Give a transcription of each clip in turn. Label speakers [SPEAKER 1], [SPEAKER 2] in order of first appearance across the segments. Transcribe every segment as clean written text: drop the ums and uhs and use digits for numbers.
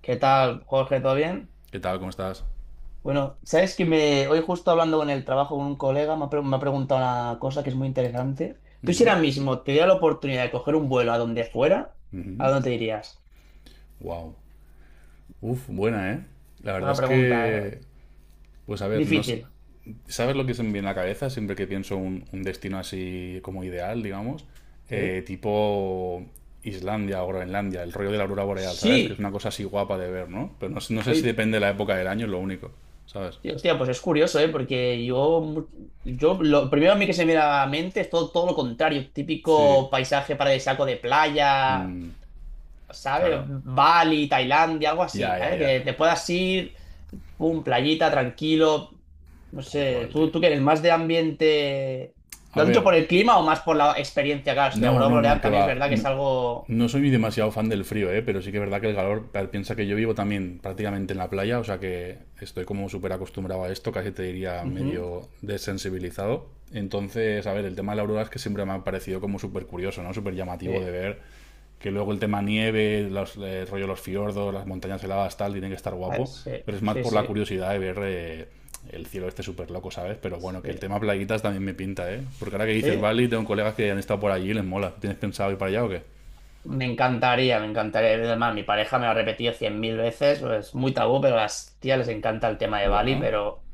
[SPEAKER 1] ¿Qué tal, Jorge? ¿Todo bien?
[SPEAKER 2] ¿Qué tal? ¿Cómo estás?
[SPEAKER 1] Bueno, sabes que hoy justo hablando con el trabajo con un colega me ha preguntado una cosa que es muy interesante. Tú, si
[SPEAKER 2] Ujú,
[SPEAKER 1] ahora mismo te diera la oportunidad de coger un vuelo a donde fuera, ¿a
[SPEAKER 2] ujú.
[SPEAKER 1] dónde te irías?
[SPEAKER 2] Wow. Uf, buena, ¿eh? La verdad
[SPEAKER 1] Buena
[SPEAKER 2] es
[SPEAKER 1] pregunta, ¿eh?
[SPEAKER 2] que, pues a ver, no s-
[SPEAKER 1] Difícil.
[SPEAKER 2] ¿sabes lo que se me viene a la cabeza siempre que pienso un destino así como ideal, digamos?
[SPEAKER 1] Sí.
[SPEAKER 2] Tipo Islandia o Groenlandia, el rollo de la aurora boreal, ¿sabes? Que es
[SPEAKER 1] Sí.
[SPEAKER 2] una cosa así guapa de ver, ¿no? Pero no, no sé si
[SPEAKER 1] Oye,
[SPEAKER 2] depende de la época del año, es lo único, ¿sabes?
[SPEAKER 1] tío, hostia, pues es curioso, ¿eh? Porque yo lo primero a mí que se me viene a la mente es todo, todo lo contrario.
[SPEAKER 2] Sí,
[SPEAKER 1] Típico paisaje paradisíaco de playa, ¿sabes?
[SPEAKER 2] claro.
[SPEAKER 1] Bali, Tailandia, algo
[SPEAKER 2] Ya,
[SPEAKER 1] así,
[SPEAKER 2] ya,
[SPEAKER 1] ¿eh?
[SPEAKER 2] ya.
[SPEAKER 1] Que te puedas ir. Pum, playita, tranquilo. No
[SPEAKER 2] Tal
[SPEAKER 1] sé,
[SPEAKER 2] cual, tío.
[SPEAKER 1] ¿tú qué eres? ¿Más de ambiente?
[SPEAKER 2] A
[SPEAKER 1] ¿Lo has dicho
[SPEAKER 2] ver,
[SPEAKER 1] por el clima o más por la experiencia? Claro, es que la
[SPEAKER 2] no,
[SPEAKER 1] aurora
[SPEAKER 2] no, no,
[SPEAKER 1] boreal
[SPEAKER 2] que
[SPEAKER 1] también es
[SPEAKER 2] va.
[SPEAKER 1] verdad que es
[SPEAKER 2] No,
[SPEAKER 1] algo...
[SPEAKER 2] no soy demasiado fan del frío, ¿eh? Pero sí que es verdad que el calor, piensa que yo vivo también prácticamente en la playa, o sea que estoy como súper acostumbrado a esto, casi te diría
[SPEAKER 1] Ujú.
[SPEAKER 2] medio desensibilizado. Entonces, a ver, el tema de la aurora es que siempre me ha parecido como súper curioso, ¿no? Súper llamativo de
[SPEAKER 1] Sí,
[SPEAKER 2] ver que luego el tema nieve, los, rollo los fiordos, las montañas heladas, tal, tiene que estar
[SPEAKER 1] a ver,
[SPEAKER 2] guapo,
[SPEAKER 1] sí,
[SPEAKER 2] pero es más
[SPEAKER 1] sí,
[SPEAKER 2] por la
[SPEAKER 1] sí,
[SPEAKER 2] curiosidad de ver el cielo este súper loco, ¿sabes? Pero bueno, que el
[SPEAKER 1] sí,
[SPEAKER 2] tema plaguitas también me pinta, ¿eh? Porque ahora que dices
[SPEAKER 1] sí.
[SPEAKER 2] Bali, tengo colegas que han estado por allí y les mola. ¿Tienes pensado ir para allá o qué?
[SPEAKER 1] Me encantaría, me encantaría. Además, mi pareja me lo ha repetido cien mil veces. Es muy tabú, pero a las tías les encanta el tema de Bali,
[SPEAKER 2] Bueno,
[SPEAKER 1] pero...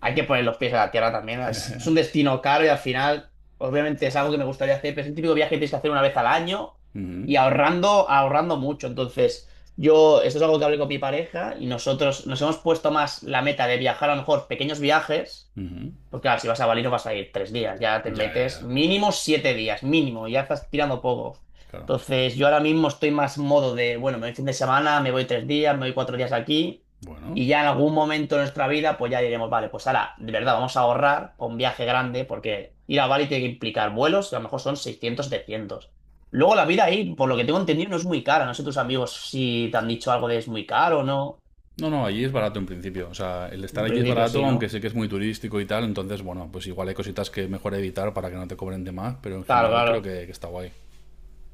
[SPEAKER 1] hay que poner los pies a la tierra también. Es un destino caro y al final, obviamente, es algo que me gustaría hacer, pero es el típico viaje que tienes que hacer una vez al año y
[SPEAKER 2] ujú,
[SPEAKER 1] ahorrando, ahorrando mucho. Entonces, yo, esto es algo que hablé con mi pareja y nosotros nos hemos puesto más la meta de viajar a lo mejor pequeños viajes.
[SPEAKER 2] ujú.
[SPEAKER 1] Porque claro, si vas a Bali no vas a ir 3 días, ya te
[SPEAKER 2] Ya, ya,
[SPEAKER 1] metes
[SPEAKER 2] ya,
[SPEAKER 1] mínimo 7 días, mínimo, ya estás tirando poco.
[SPEAKER 2] claro.
[SPEAKER 1] Entonces, yo ahora mismo estoy más modo de, bueno, me voy fin de semana, me voy 3 días, me voy 4 días aquí,
[SPEAKER 2] Bueno.
[SPEAKER 1] y ya en algún momento de nuestra vida, pues ya diremos, vale, pues ahora, de verdad, vamos a ahorrar para un viaje grande, porque ir a Bali tiene que implicar vuelos, que a lo mejor son 600 700. Luego la vida ahí, por lo que tengo entendido, no es muy cara. No sé, tus amigos si te han dicho algo de es muy caro o no.
[SPEAKER 2] No, no, allí es barato en principio. O sea, el estar
[SPEAKER 1] En
[SPEAKER 2] allí es
[SPEAKER 1] principio sí,
[SPEAKER 2] barato, aunque
[SPEAKER 1] ¿no?
[SPEAKER 2] sé que es muy turístico y tal. Entonces, bueno, pues igual hay cositas que mejor evitar para que no te cobren de más, pero en
[SPEAKER 1] Claro,
[SPEAKER 2] general creo
[SPEAKER 1] claro.
[SPEAKER 2] que está guay.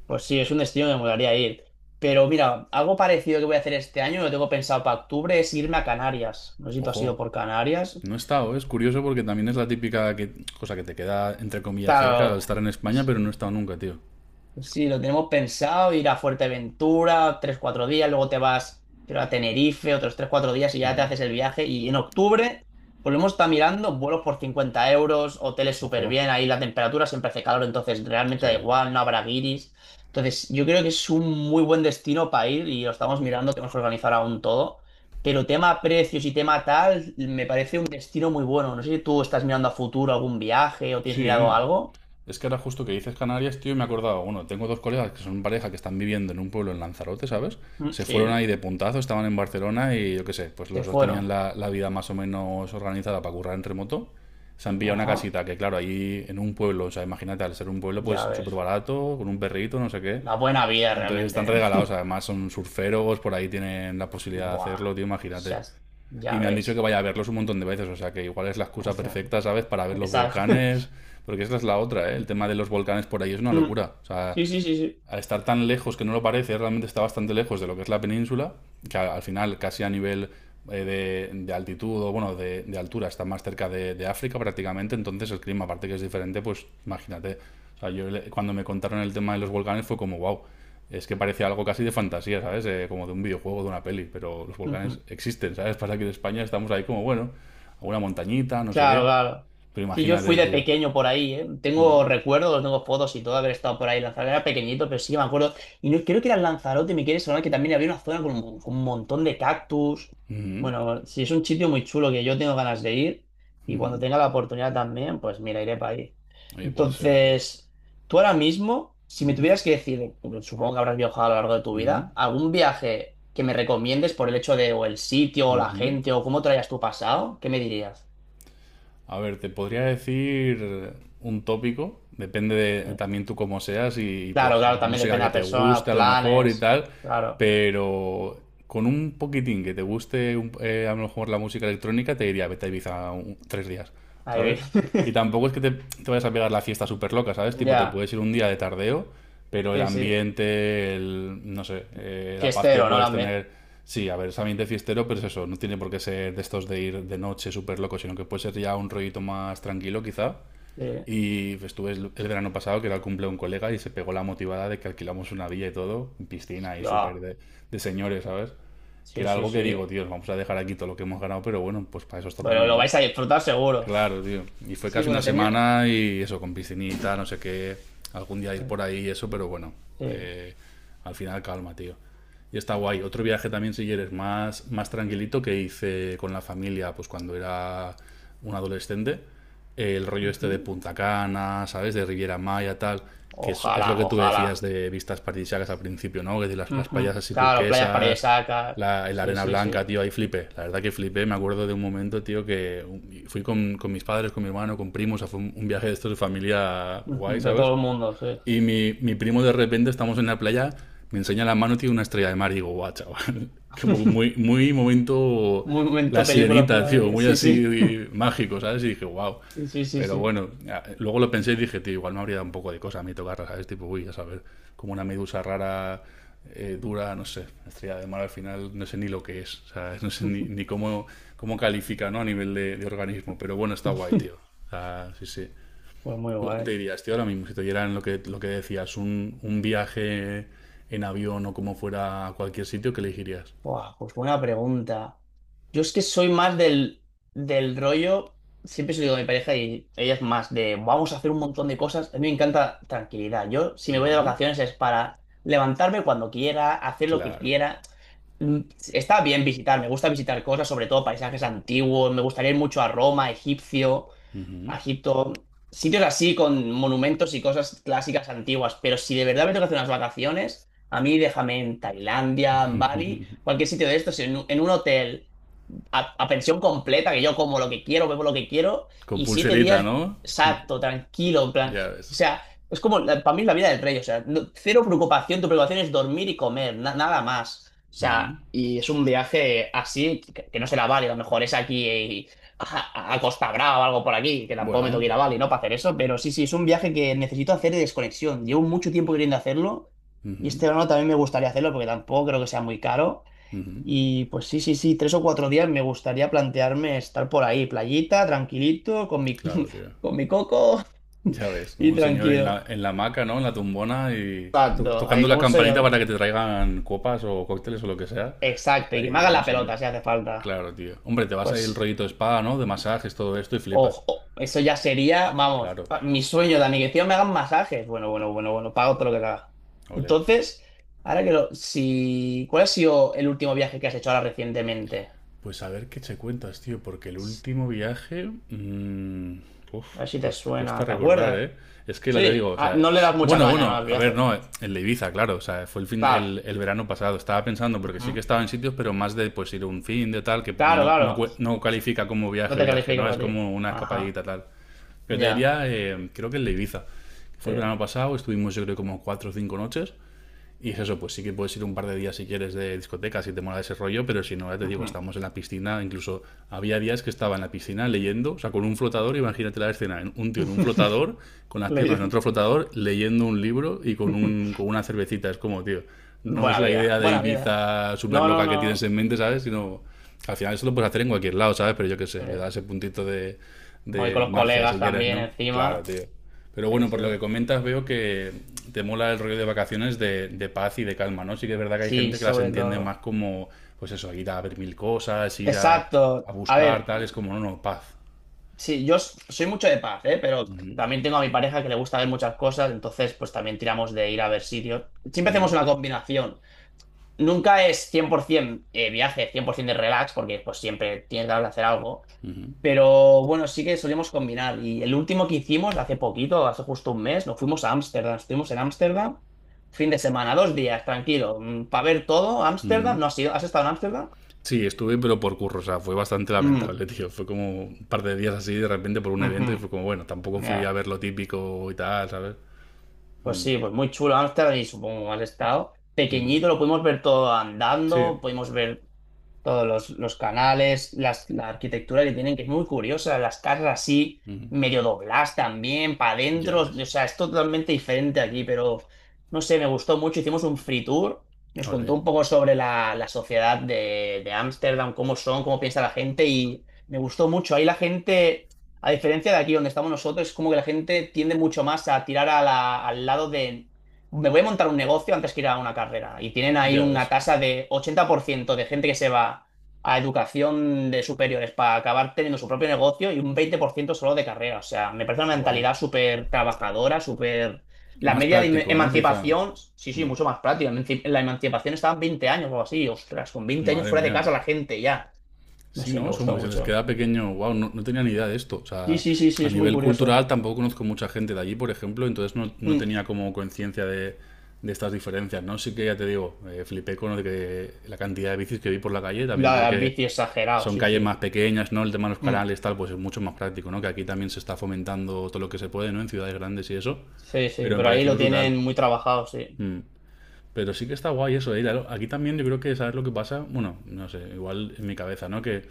[SPEAKER 1] Pues sí, es un destino que me molaría ir. Pero mira, algo parecido que voy a hacer este año, lo tengo pensado para octubre, es irme a Canarias. No sé si tú has
[SPEAKER 2] Ojo,
[SPEAKER 1] ido por Canarias.
[SPEAKER 2] no he estado, ¿eh? Es curioso porque también es la típica cosa que te queda, entre comillas, cerca al
[SPEAKER 1] Claro.
[SPEAKER 2] estar en España, pero no he estado nunca, tío.
[SPEAKER 1] Sí, lo tenemos pensado, ir a Fuerteventura, 3 4 días, luego te vas, creo, a Tenerife, otros 3 4 días y ya te haces el viaje. Y en octubre, volvemos. Hemos estado mirando vuelos por 50 euros, hoteles súper
[SPEAKER 2] Ojo.
[SPEAKER 1] bien, ahí la temperatura siempre hace calor, entonces realmente
[SPEAKER 2] Sí.
[SPEAKER 1] da igual, no habrá guiris. Entonces, yo creo que es un muy buen destino para ir y lo estamos mirando, tenemos que organizar aún todo. Pero tema precios y tema tal, me parece un destino muy bueno. No sé si tú estás mirando a futuro algún viaje o tienes
[SPEAKER 2] Sí.
[SPEAKER 1] mirado
[SPEAKER 2] ¿Eh?
[SPEAKER 1] algo.
[SPEAKER 2] Es que ahora justo que dices Canarias, tío, y me he acordado, bueno, tengo dos colegas que son pareja que están viviendo en un pueblo en Lanzarote, ¿sabes?
[SPEAKER 1] Mm.
[SPEAKER 2] Se fueron
[SPEAKER 1] Sí,
[SPEAKER 2] ahí de puntazo, estaban en Barcelona y yo qué sé, pues
[SPEAKER 1] se
[SPEAKER 2] los dos tenían
[SPEAKER 1] fueron.
[SPEAKER 2] la vida más o menos organizada para currar en remoto. Se han pillado una
[SPEAKER 1] Ajá.
[SPEAKER 2] casita que, claro, ahí en un pueblo, o sea, imagínate, al ser un pueblo, pues
[SPEAKER 1] Ya
[SPEAKER 2] súper
[SPEAKER 1] ves.
[SPEAKER 2] barato, con un perrito, no sé qué.
[SPEAKER 1] La buena vida
[SPEAKER 2] Entonces están
[SPEAKER 1] realmente,
[SPEAKER 2] regalados,
[SPEAKER 1] ¿eh?
[SPEAKER 2] además son surferos, por ahí tienen la posibilidad de
[SPEAKER 1] Buah.
[SPEAKER 2] hacerlo, tío,
[SPEAKER 1] Ya,
[SPEAKER 2] imagínate. Y
[SPEAKER 1] ya
[SPEAKER 2] me han dicho que
[SPEAKER 1] ves.
[SPEAKER 2] vaya a verlos un montón de veces, o sea que igual es la excusa
[SPEAKER 1] Hostia.
[SPEAKER 2] perfecta, ¿sabes? Para ver los
[SPEAKER 1] Esa-
[SPEAKER 2] volcanes, porque esta es la otra, ¿eh? El tema de los volcanes por ahí es una
[SPEAKER 1] Mm.
[SPEAKER 2] locura. O sea,
[SPEAKER 1] Sí, sí, sí, sí.
[SPEAKER 2] al estar tan lejos que no lo parece, realmente está bastante lejos de lo que es la península, que al final casi a nivel eh, de altitud o bueno, de altura está más cerca de, de África prácticamente, entonces el clima aparte que es diferente, pues imagínate, o sea, yo cuando me contaron el tema de los volcanes fue como, wow, es que parece algo casi de fantasía, ¿sabes? Como de un videojuego, de una peli, pero los volcanes
[SPEAKER 1] Ujú.
[SPEAKER 2] existen, ¿sabes? Pasa que en España estamos ahí como, bueno, a una montañita, no sé
[SPEAKER 1] Claro,
[SPEAKER 2] qué,
[SPEAKER 1] claro.
[SPEAKER 2] pero
[SPEAKER 1] Sí, yo fui
[SPEAKER 2] imagínate,
[SPEAKER 1] de
[SPEAKER 2] tío.
[SPEAKER 1] pequeño por ahí, ¿eh?
[SPEAKER 2] Mm
[SPEAKER 1] Tengo recuerdos, tengo fotos y todo de haber estado por ahí. Lanzarote era pequeñito, pero sí me acuerdo. Y no, creo que era Lanzarote, me quiere sonar que también había una zona con un montón de cactus.
[SPEAKER 2] -hmm,
[SPEAKER 1] Bueno, sí, es un sitio muy chulo que yo tengo ganas de ir. Y
[SPEAKER 2] mm -hmm.
[SPEAKER 1] cuando tenga la oportunidad también, pues mira, iré para ahí.
[SPEAKER 2] Oye, puede ser, tío.
[SPEAKER 1] Entonces, tú ahora mismo, si me
[SPEAKER 2] Mm
[SPEAKER 1] tuvieras que decir, supongo que habrás viajado a lo largo de tu
[SPEAKER 2] -hmm.
[SPEAKER 1] vida, algún viaje que me recomiendes por el hecho de, o el sitio, o la
[SPEAKER 2] Ujú.
[SPEAKER 1] gente, o cómo te lo hayas tú pasado, ¿qué me dirías?
[SPEAKER 2] A ver, te podría decir un tópico, depende de también tú cómo seas y,
[SPEAKER 1] Claro,
[SPEAKER 2] pues
[SPEAKER 1] claro, también
[SPEAKER 2] música
[SPEAKER 1] depende de
[SPEAKER 2] que
[SPEAKER 1] la
[SPEAKER 2] te
[SPEAKER 1] persona,
[SPEAKER 2] guste a lo mejor y
[SPEAKER 1] planes.
[SPEAKER 2] tal,
[SPEAKER 1] Claro,
[SPEAKER 2] pero con un poquitín que te guste a lo mejor la música electrónica te diría vete a Ibiza 3 días.
[SPEAKER 1] ahí vi.
[SPEAKER 2] ¿Sabes? Y tampoco es que te vayas a pegar la fiesta súper loca, ¿sabes? Tipo, te
[SPEAKER 1] Ya,
[SPEAKER 2] puedes ir un día de tardeo, pero el
[SPEAKER 1] sí, sí.
[SPEAKER 2] ambiente, el, no sé, la paz que
[SPEAKER 1] Fiestero, ¿no?
[SPEAKER 2] puedes
[SPEAKER 1] También.
[SPEAKER 2] tener, sí, a ver, es ambiente fiestero, pero es eso, no tiene por qué ser de estos de ir de noche súper loco, sino que puede ser ya un rollito más tranquilo quizá.
[SPEAKER 1] Sí.
[SPEAKER 2] Y pues, estuve el verano pasado, que era el cumple de un colega, y se pegó la motivada de que alquilamos una villa y todo, piscina y súper
[SPEAKER 1] Ya,
[SPEAKER 2] de, señores, ¿sabes? Que
[SPEAKER 1] sí,
[SPEAKER 2] era
[SPEAKER 1] sí,
[SPEAKER 2] algo que digo,
[SPEAKER 1] sí.
[SPEAKER 2] tío, vamos a dejar aquí todo lo que hemos ganado, pero bueno, pues para eso está
[SPEAKER 1] Bueno,
[SPEAKER 2] también,
[SPEAKER 1] lo
[SPEAKER 2] ¿no?
[SPEAKER 1] vais a disfrutar seguro.
[SPEAKER 2] Claro, tío. Y fue
[SPEAKER 1] Sí,
[SPEAKER 2] casi una
[SPEAKER 1] bueno, tenía.
[SPEAKER 2] semana y eso, con piscinita, no sé qué. Algún día ir
[SPEAKER 1] Pues,
[SPEAKER 2] por ahí y eso, pero bueno.
[SPEAKER 1] sí.
[SPEAKER 2] eh, Al final calma, tío. Y está guay. Otro viaje también, si quieres, más, más tranquilito que hice con la familia, pues cuando era un adolescente. El rollo este de
[SPEAKER 1] Ujú.
[SPEAKER 2] Punta Cana, ¿sabes? De Riviera Maya, tal. Que es lo
[SPEAKER 1] Ojalá,
[SPEAKER 2] que tú decías
[SPEAKER 1] ojalá.
[SPEAKER 2] de vistas paradisíacas al principio, ¿no? Que de las playas
[SPEAKER 1] Ujú.
[SPEAKER 2] así
[SPEAKER 1] Claro, playas
[SPEAKER 2] turquesas,
[SPEAKER 1] paradisíacas.
[SPEAKER 2] la
[SPEAKER 1] Sí,
[SPEAKER 2] arena
[SPEAKER 1] sí,
[SPEAKER 2] blanca,
[SPEAKER 1] sí.
[SPEAKER 2] tío, ahí flipé. La verdad que flipé. Me acuerdo de un momento, tío, que fui con mis padres, con mi hermano, con primos. O sea, fue un viaje de estos de familia guay,
[SPEAKER 1] Ujú. De
[SPEAKER 2] ¿sabes?
[SPEAKER 1] todo el mundo, sí.
[SPEAKER 2] Y mi primo de repente, estamos en la playa, me enseña la mano y tiene una estrella de mar. Y digo, guau, chaval. Como muy, muy momento la
[SPEAKER 1] Momento, película,
[SPEAKER 2] sirenita, tío,
[SPEAKER 1] playa.
[SPEAKER 2] muy
[SPEAKER 1] Sí, sí.
[SPEAKER 2] así mágico, ¿sabes? Y dije, wow.
[SPEAKER 1] Sí, sí, sí,
[SPEAKER 2] Pero
[SPEAKER 1] sí.
[SPEAKER 2] bueno, ya, luego lo pensé y dije, tío, igual me habría dado un poco de cosa a mí tocarla, ¿sabes? Tipo, uy, a saber, como una medusa rara, dura, no sé, estrella de mar al final, no sé ni lo que es, ¿sabes? No sé ni, ni cómo, cómo califica, ¿no? A nivel de, organismo, pero bueno, está guay, tío. O sea, sí, sí.
[SPEAKER 1] Pues muy
[SPEAKER 2] ¿Tú dónde te
[SPEAKER 1] guay.
[SPEAKER 2] dirías, tío, ahora mismo? Si te dieran lo que decías, un viaje en avión o como fuera a cualquier sitio, ¿qué elegirías?
[SPEAKER 1] Buah, pues buena pregunta. Yo es que soy más del rollo, siempre se lo digo a mi pareja y ella es más de vamos a hacer un montón de cosas. A mí me encanta tranquilidad. Yo, si me voy de
[SPEAKER 2] Bueno,
[SPEAKER 1] vacaciones es para levantarme cuando quiera, hacer lo que
[SPEAKER 2] claro.
[SPEAKER 1] quiera. Mm. Está bien visitar, me gusta visitar cosas, sobre todo paisajes antiguos, me gustaría ir mucho a Roma, egipcio.
[SPEAKER 2] Ujú.
[SPEAKER 1] Egipto, sitios así con monumentos y cosas clásicas antiguas, pero si de verdad me tengo que hacer unas vacaciones, a mí déjame en Tailandia, en Bali, cualquier sitio de estos, en un hotel a pensión completa, que yo como lo que quiero, bebo lo que quiero,
[SPEAKER 2] Con
[SPEAKER 1] y siete
[SPEAKER 2] pulserita,
[SPEAKER 1] días
[SPEAKER 2] ¿no?
[SPEAKER 1] exacto, tranquilo, en plan.
[SPEAKER 2] Ya
[SPEAKER 1] O
[SPEAKER 2] ves.
[SPEAKER 1] sea, es como para mí la vida del rey, o sea, no- cero preocupación, tu preocupación es dormir y comer, nada más. O sea,
[SPEAKER 2] Ujú.
[SPEAKER 1] y es un viaje así que no será Bali, a lo mejor es aquí, a Costa Brava o algo por aquí, que tampoco me tengo que
[SPEAKER 2] Bueno.
[SPEAKER 1] ir a Bali, ¿no? Para hacer eso, pero sí, sí, es un viaje que necesito hacer de desconexión. Llevo mucho tiempo queriendo hacerlo. Y
[SPEAKER 2] Ujú,
[SPEAKER 1] este verano también me gustaría hacerlo porque tampoco creo que sea muy caro.
[SPEAKER 2] ujú.
[SPEAKER 1] Y pues sí, sí, sí, 3 o 4 días me gustaría plantearme estar por ahí, playita, tranquilito, con mi,
[SPEAKER 2] Claro, tío.
[SPEAKER 1] con mi coco
[SPEAKER 2] Ya ves, como
[SPEAKER 1] y
[SPEAKER 2] un señor en
[SPEAKER 1] tranquilo.
[SPEAKER 2] la, hamaca, ¿no? En la tumbona y
[SPEAKER 1] Exacto,
[SPEAKER 2] tocando
[SPEAKER 1] ahí,
[SPEAKER 2] la
[SPEAKER 1] ¿cómo se
[SPEAKER 2] campanita
[SPEAKER 1] llama?
[SPEAKER 2] para que te traigan copas o cócteles o lo que sea.
[SPEAKER 1] Exacto, y que me
[SPEAKER 2] Ahí,
[SPEAKER 1] haga
[SPEAKER 2] como un
[SPEAKER 1] la
[SPEAKER 2] señor.
[SPEAKER 1] pelota si hace falta.
[SPEAKER 2] Claro, tío. Hombre, te vas ahí el
[SPEAKER 1] Pues,
[SPEAKER 2] rollito spa, ¿no? De masajes, todo esto y flipas.
[SPEAKER 1] ojo, eso ya sería, vamos,
[SPEAKER 2] Claro.
[SPEAKER 1] mi sueño, Dani, que me hagan masajes. Bueno, bueno, bueno, bueno, pago todo lo que haga.
[SPEAKER 2] Ole.
[SPEAKER 1] Entonces, ahora que lo, si, ¿cuál ha sido el último viaje que has hecho ahora recientemente?
[SPEAKER 2] Pues a ver qué te cuentas, tío, porque el último viaje. Uf,
[SPEAKER 1] A ver si te
[SPEAKER 2] cuesta
[SPEAKER 1] suena, ¿te
[SPEAKER 2] recordar,
[SPEAKER 1] acuerdas?
[SPEAKER 2] ¿eh? Es que la te digo,
[SPEAKER 1] Sí.
[SPEAKER 2] o
[SPEAKER 1] Ah,
[SPEAKER 2] sea.
[SPEAKER 1] no le das mucha
[SPEAKER 2] Bueno,
[SPEAKER 1] caña, ¿no?
[SPEAKER 2] bueno,
[SPEAKER 1] Al
[SPEAKER 2] a ver,
[SPEAKER 1] viaje.
[SPEAKER 2] no, el de Ibiza, claro, o sea, fue el, fin,
[SPEAKER 1] Claro.
[SPEAKER 2] el, el verano pasado. Estaba pensando, porque sí que
[SPEAKER 1] Ujú.
[SPEAKER 2] estaba en sitios, pero más de pues ir un fin de tal, que para mí
[SPEAKER 1] Claro,
[SPEAKER 2] no, no,
[SPEAKER 1] claro.
[SPEAKER 2] no califica como
[SPEAKER 1] No
[SPEAKER 2] viaje,
[SPEAKER 1] te
[SPEAKER 2] viaje,
[SPEAKER 1] califica
[SPEAKER 2] ¿no? Es
[SPEAKER 1] para ti.
[SPEAKER 2] como una
[SPEAKER 1] Ajá.
[SPEAKER 2] escapadita tal. Pero te
[SPEAKER 1] Ya.
[SPEAKER 2] diría, creo que el de Ibiza. Fue
[SPEAKER 1] Sí.
[SPEAKER 2] el verano pasado, estuvimos yo creo como 4 o 5 noches. Y es eso, pues sí que puedes ir un par de días si quieres de discoteca, si te mola ese rollo, pero si no, ya te digo,
[SPEAKER 1] Ujú.
[SPEAKER 2] estamos en la piscina, incluso había días que estaba en la piscina leyendo, o sea, con un flotador, imagínate la escena, un tío en un flotador, con las piernas en
[SPEAKER 1] Le-
[SPEAKER 2] otro flotador, leyendo un libro y con, con una cervecita, es como, tío, no es
[SPEAKER 1] Buena
[SPEAKER 2] la
[SPEAKER 1] vida.
[SPEAKER 2] idea de
[SPEAKER 1] Buena vida.
[SPEAKER 2] Ibiza súper
[SPEAKER 1] No, no,
[SPEAKER 2] loca que tienes
[SPEAKER 1] no.
[SPEAKER 2] en mente, ¿sabes? Sino, al final eso lo puedes hacer en cualquier lado, ¿sabes? Pero yo qué sé, le
[SPEAKER 1] Eh,
[SPEAKER 2] da ese puntito de,
[SPEAKER 1] voy con los
[SPEAKER 2] magia si
[SPEAKER 1] colegas
[SPEAKER 2] quieres,
[SPEAKER 1] también
[SPEAKER 2] ¿no? Claro,
[SPEAKER 1] encima.
[SPEAKER 2] tío. Pero
[SPEAKER 1] Sí,
[SPEAKER 2] bueno, por lo
[SPEAKER 1] sí.
[SPEAKER 2] que comentas, veo que te mola el rollo de vacaciones de, paz y de calma, ¿no? Sí que es verdad que hay
[SPEAKER 1] Sí,
[SPEAKER 2] gente que las
[SPEAKER 1] sobre
[SPEAKER 2] entiende más
[SPEAKER 1] todo.
[SPEAKER 2] como, pues eso, ir a ver mil cosas, ir a,
[SPEAKER 1] Exacto. A
[SPEAKER 2] buscar,
[SPEAKER 1] ver,
[SPEAKER 2] tal, es como, no, no, paz.
[SPEAKER 1] sí, yo soy mucho de paz, ¿eh? Pero
[SPEAKER 2] Ujú,
[SPEAKER 1] también tengo a mi pareja que le gusta ver muchas cosas, entonces pues también tiramos de ir a ver sitios. Siempre
[SPEAKER 2] ujú,
[SPEAKER 1] hacemos una combinación. Nunca es 100% viaje, 100% de relax, porque pues siempre tienes que hacer algo.
[SPEAKER 2] ujú,
[SPEAKER 1] Pero bueno, sí que solíamos combinar. Y el último que hicimos, hace poquito, hace justo 1 mes, nos fuimos a Ámsterdam. Estuvimos en Ámsterdam, fin de semana, 2 días, tranquilo, para ver todo.
[SPEAKER 2] ujú.
[SPEAKER 1] Ámsterdam, ¿no has ido? ¿Has estado en Ámsterdam?
[SPEAKER 2] Sí, estuve, pero por curro, o sea, fue bastante
[SPEAKER 1] Mm,
[SPEAKER 2] lamentable, tío. Fue como un par de días así, de repente, por un
[SPEAKER 1] ujú,
[SPEAKER 2] evento, y fue como, bueno, tampoco fui a
[SPEAKER 1] ya.
[SPEAKER 2] ver lo típico y tal, ¿sabes?
[SPEAKER 1] Pues
[SPEAKER 2] Mm,
[SPEAKER 1] sí, pues muy chulo Ámsterdam y supongo que has estado.
[SPEAKER 2] ujú.
[SPEAKER 1] Pequeñito, lo pudimos ver todo
[SPEAKER 2] Sí,
[SPEAKER 1] andando, pudimos ver todos los canales, la arquitectura que tienen, que es muy curiosa, las casas así,
[SPEAKER 2] ujú.
[SPEAKER 1] medio dobladas también, para
[SPEAKER 2] Ya
[SPEAKER 1] adentro,
[SPEAKER 2] ves.
[SPEAKER 1] o sea, es totalmente diferente aquí, pero no sé, me gustó mucho, hicimos un free tour, nos
[SPEAKER 2] Ole,
[SPEAKER 1] contó un poco sobre la sociedad de Ámsterdam, cómo son, cómo piensa la gente, y me gustó mucho, ahí la gente... A diferencia de aquí donde estamos nosotros, es como que la gente tiende mucho más a tirar a al lado de me voy a montar un negocio antes que ir a una carrera. Y tienen ahí
[SPEAKER 2] ya
[SPEAKER 1] una
[SPEAKER 2] ves.
[SPEAKER 1] tasa de 80% de gente que se va a educación de superiores para acabar teniendo su propio negocio y un 20% solo de carrera. O sea, me parece una
[SPEAKER 2] Wow.
[SPEAKER 1] mentalidad súper trabajadora, súper... la
[SPEAKER 2] Más
[SPEAKER 1] media de
[SPEAKER 2] práctico, ¿no? Quizá.
[SPEAKER 1] emancipación, sí, sí,
[SPEAKER 2] Mm,
[SPEAKER 1] mucho más práctica. La emancipación estaba en 20 años o algo así. Ostras, con 20 años
[SPEAKER 2] madre
[SPEAKER 1] fuera de
[SPEAKER 2] mía.
[SPEAKER 1] casa la gente ya. No
[SPEAKER 2] Sí,
[SPEAKER 1] sé,
[SPEAKER 2] ¿no?
[SPEAKER 1] me
[SPEAKER 2] Es como
[SPEAKER 1] gustó
[SPEAKER 2] que se les
[SPEAKER 1] mucho.
[SPEAKER 2] queda pequeño. Wow, no, no tenía ni idea de esto. O
[SPEAKER 1] Sí,
[SPEAKER 2] sea,
[SPEAKER 1] sí, sí, sí,
[SPEAKER 2] a
[SPEAKER 1] es muy
[SPEAKER 2] nivel
[SPEAKER 1] curioso.
[SPEAKER 2] cultural tampoco conozco mucha gente de allí, por ejemplo, entonces no, no
[SPEAKER 1] Mm.
[SPEAKER 2] tenía como conciencia de, estas diferencias, ¿no? Sí que ya te digo, flipé con lo de que la cantidad de bicis que vi por la calle, también
[SPEAKER 1] La
[SPEAKER 2] porque
[SPEAKER 1] bici exagerado,
[SPEAKER 2] son
[SPEAKER 1] sí,
[SPEAKER 2] calles
[SPEAKER 1] sí.
[SPEAKER 2] más pequeñas, ¿no? El tema de los
[SPEAKER 1] Mm.
[SPEAKER 2] canales, tal, pues es mucho más práctico, ¿no? Que aquí también se está fomentando todo lo que se puede, ¿no? En ciudades grandes y eso.
[SPEAKER 1] Sí, sí,
[SPEAKER 2] Pero me
[SPEAKER 1] pero ahí
[SPEAKER 2] pareció
[SPEAKER 1] lo
[SPEAKER 2] brutal.
[SPEAKER 1] tienen muy trabajado, sí.
[SPEAKER 2] Mm. Pero sí que está guay eso, ¿eh? Claro, aquí también yo creo que sabes lo que pasa, bueno, no sé, igual en mi cabeza, ¿no? Que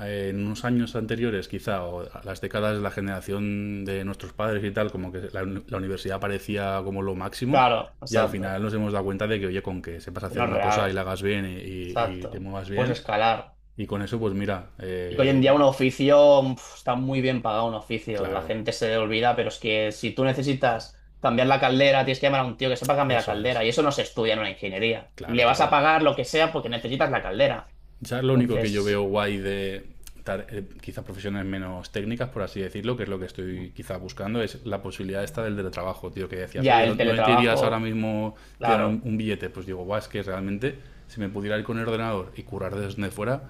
[SPEAKER 2] en unos años anteriores, quizá, o a las décadas de la generación de nuestros padres y tal, como que la, la universidad parecía como lo máximo,
[SPEAKER 1] Claro,
[SPEAKER 2] y al
[SPEAKER 1] exacto.
[SPEAKER 2] final nos hemos dado cuenta de que, oye, con que sepas hacer
[SPEAKER 1] No es
[SPEAKER 2] una cosa y
[SPEAKER 1] real.
[SPEAKER 2] la hagas bien y, y te
[SPEAKER 1] Exacto.
[SPEAKER 2] muevas
[SPEAKER 1] Puedes
[SPEAKER 2] bien,
[SPEAKER 1] escalar.
[SPEAKER 2] y con eso, pues mira,
[SPEAKER 1] Y que hoy en día un oficio mm, pf, está muy bien pagado un oficio. La
[SPEAKER 2] claro,
[SPEAKER 1] gente se olvida, pero es que si tú necesitas cambiar la caldera, tienes que llamar a un tío que sepa cambiar la
[SPEAKER 2] eso es,
[SPEAKER 1] caldera. Y eso no se estudia en una ingeniería.
[SPEAKER 2] claro,
[SPEAKER 1] Le vas a
[SPEAKER 2] claro.
[SPEAKER 1] pagar lo que sea porque necesitas la caldera.
[SPEAKER 2] Ya lo único que yo veo
[SPEAKER 1] Entonces,
[SPEAKER 2] guay de quizás profesiones menos técnicas, por así decirlo, que es lo que estoy quizás buscando, es la posibilidad esta del teletrabajo, tío, que decías,
[SPEAKER 1] ya
[SPEAKER 2] oye,
[SPEAKER 1] el
[SPEAKER 2] ¿dónde te irías ahora
[SPEAKER 1] teletrabajo,
[SPEAKER 2] mismo tirar un,
[SPEAKER 1] claro,
[SPEAKER 2] un billete? Pues digo, guau, es que realmente si me pudiera ir con el ordenador y curar desde fuera,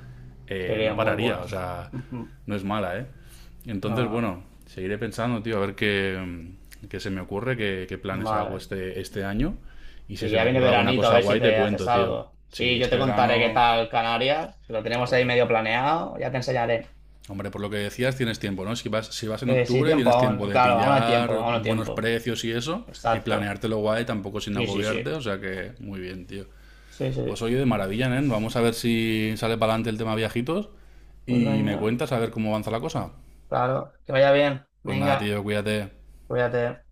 [SPEAKER 2] no
[SPEAKER 1] sería muy
[SPEAKER 2] pararía,
[SPEAKER 1] bueno.
[SPEAKER 2] o sea,
[SPEAKER 1] Ujú.
[SPEAKER 2] no es mala, ¿eh? Entonces,
[SPEAKER 1] No,
[SPEAKER 2] bueno, seguiré pensando, tío, a ver qué, qué se me ocurre, qué,
[SPEAKER 1] no,
[SPEAKER 2] planes hago
[SPEAKER 1] vale.
[SPEAKER 2] este año. Y
[SPEAKER 1] Y
[SPEAKER 2] si
[SPEAKER 1] que
[SPEAKER 2] se me
[SPEAKER 1] ya viene
[SPEAKER 2] ocurre alguna
[SPEAKER 1] veranito, a
[SPEAKER 2] cosa
[SPEAKER 1] ver si
[SPEAKER 2] guay, te
[SPEAKER 1] te haces
[SPEAKER 2] cuento, tío.
[SPEAKER 1] algo.
[SPEAKER 2] Si
[SPEAKER 1] Sí, yo
[SPEAKER 2] este
[SPEAKER 1] te contaré qué
[SPEAKER 2] verano...
[SPEAKER 1] tal Canarias. Lo tenemos ahí
[SPEAKER 2] Ole.
[SPEAKER 1] medio planeado, ya te enseñaré.
[SPEAKER 2] Hombre, por lo que decías, tienes tiempo, ¿no? Si vas, si vas en
[SPEAKER 1] Sí,
[SPEAKER 2] octubre,
[SPEAKER 1] tiempo
[SPEAKER 2] tienes tiempo
[SPEAKER 1] aún.
[SPEAKER 2] de
[SPEAKER 1] Claro, aún hay tiempo,
[SPEAKER 2] pillar
[SPEAKER 1] aún hay
[SPEAKER 2] buenos
[SPEAKER 1] tiempo.
[SPEAKER 2] precios y eso, y
[SPEAKER 1] Exacto.
[SPEAKER 2] planeártelo guay, tampoco sin
[SPEAKER 1] Sí, sí, sí.
[SPEAKER 2] agobiarte, o sea que muy bien, tío.
[SPEAKER 1] Sí,
[SPEAKER 2] Pues
[SPEAKER 1] sí.
[SPEAKER 2] oye, de maravilla, ¿eh? Vamos a ver si sale para adelante el tema viajitos
[SPEAKER 1] Pues
[SPEAKER 2] y me
[SPEAKER 1] venga,
[SPEAKER 2] cuentas a ver cómo avanza la cosa.
[SPEAKER 1] claro. Que vaya bien.
[SPEAKER 2] Pues nada,
[SPEAKER 1] Venga,
[SPEAKER 2] tío, cuídate.
[SPEAKER 1] cuídate.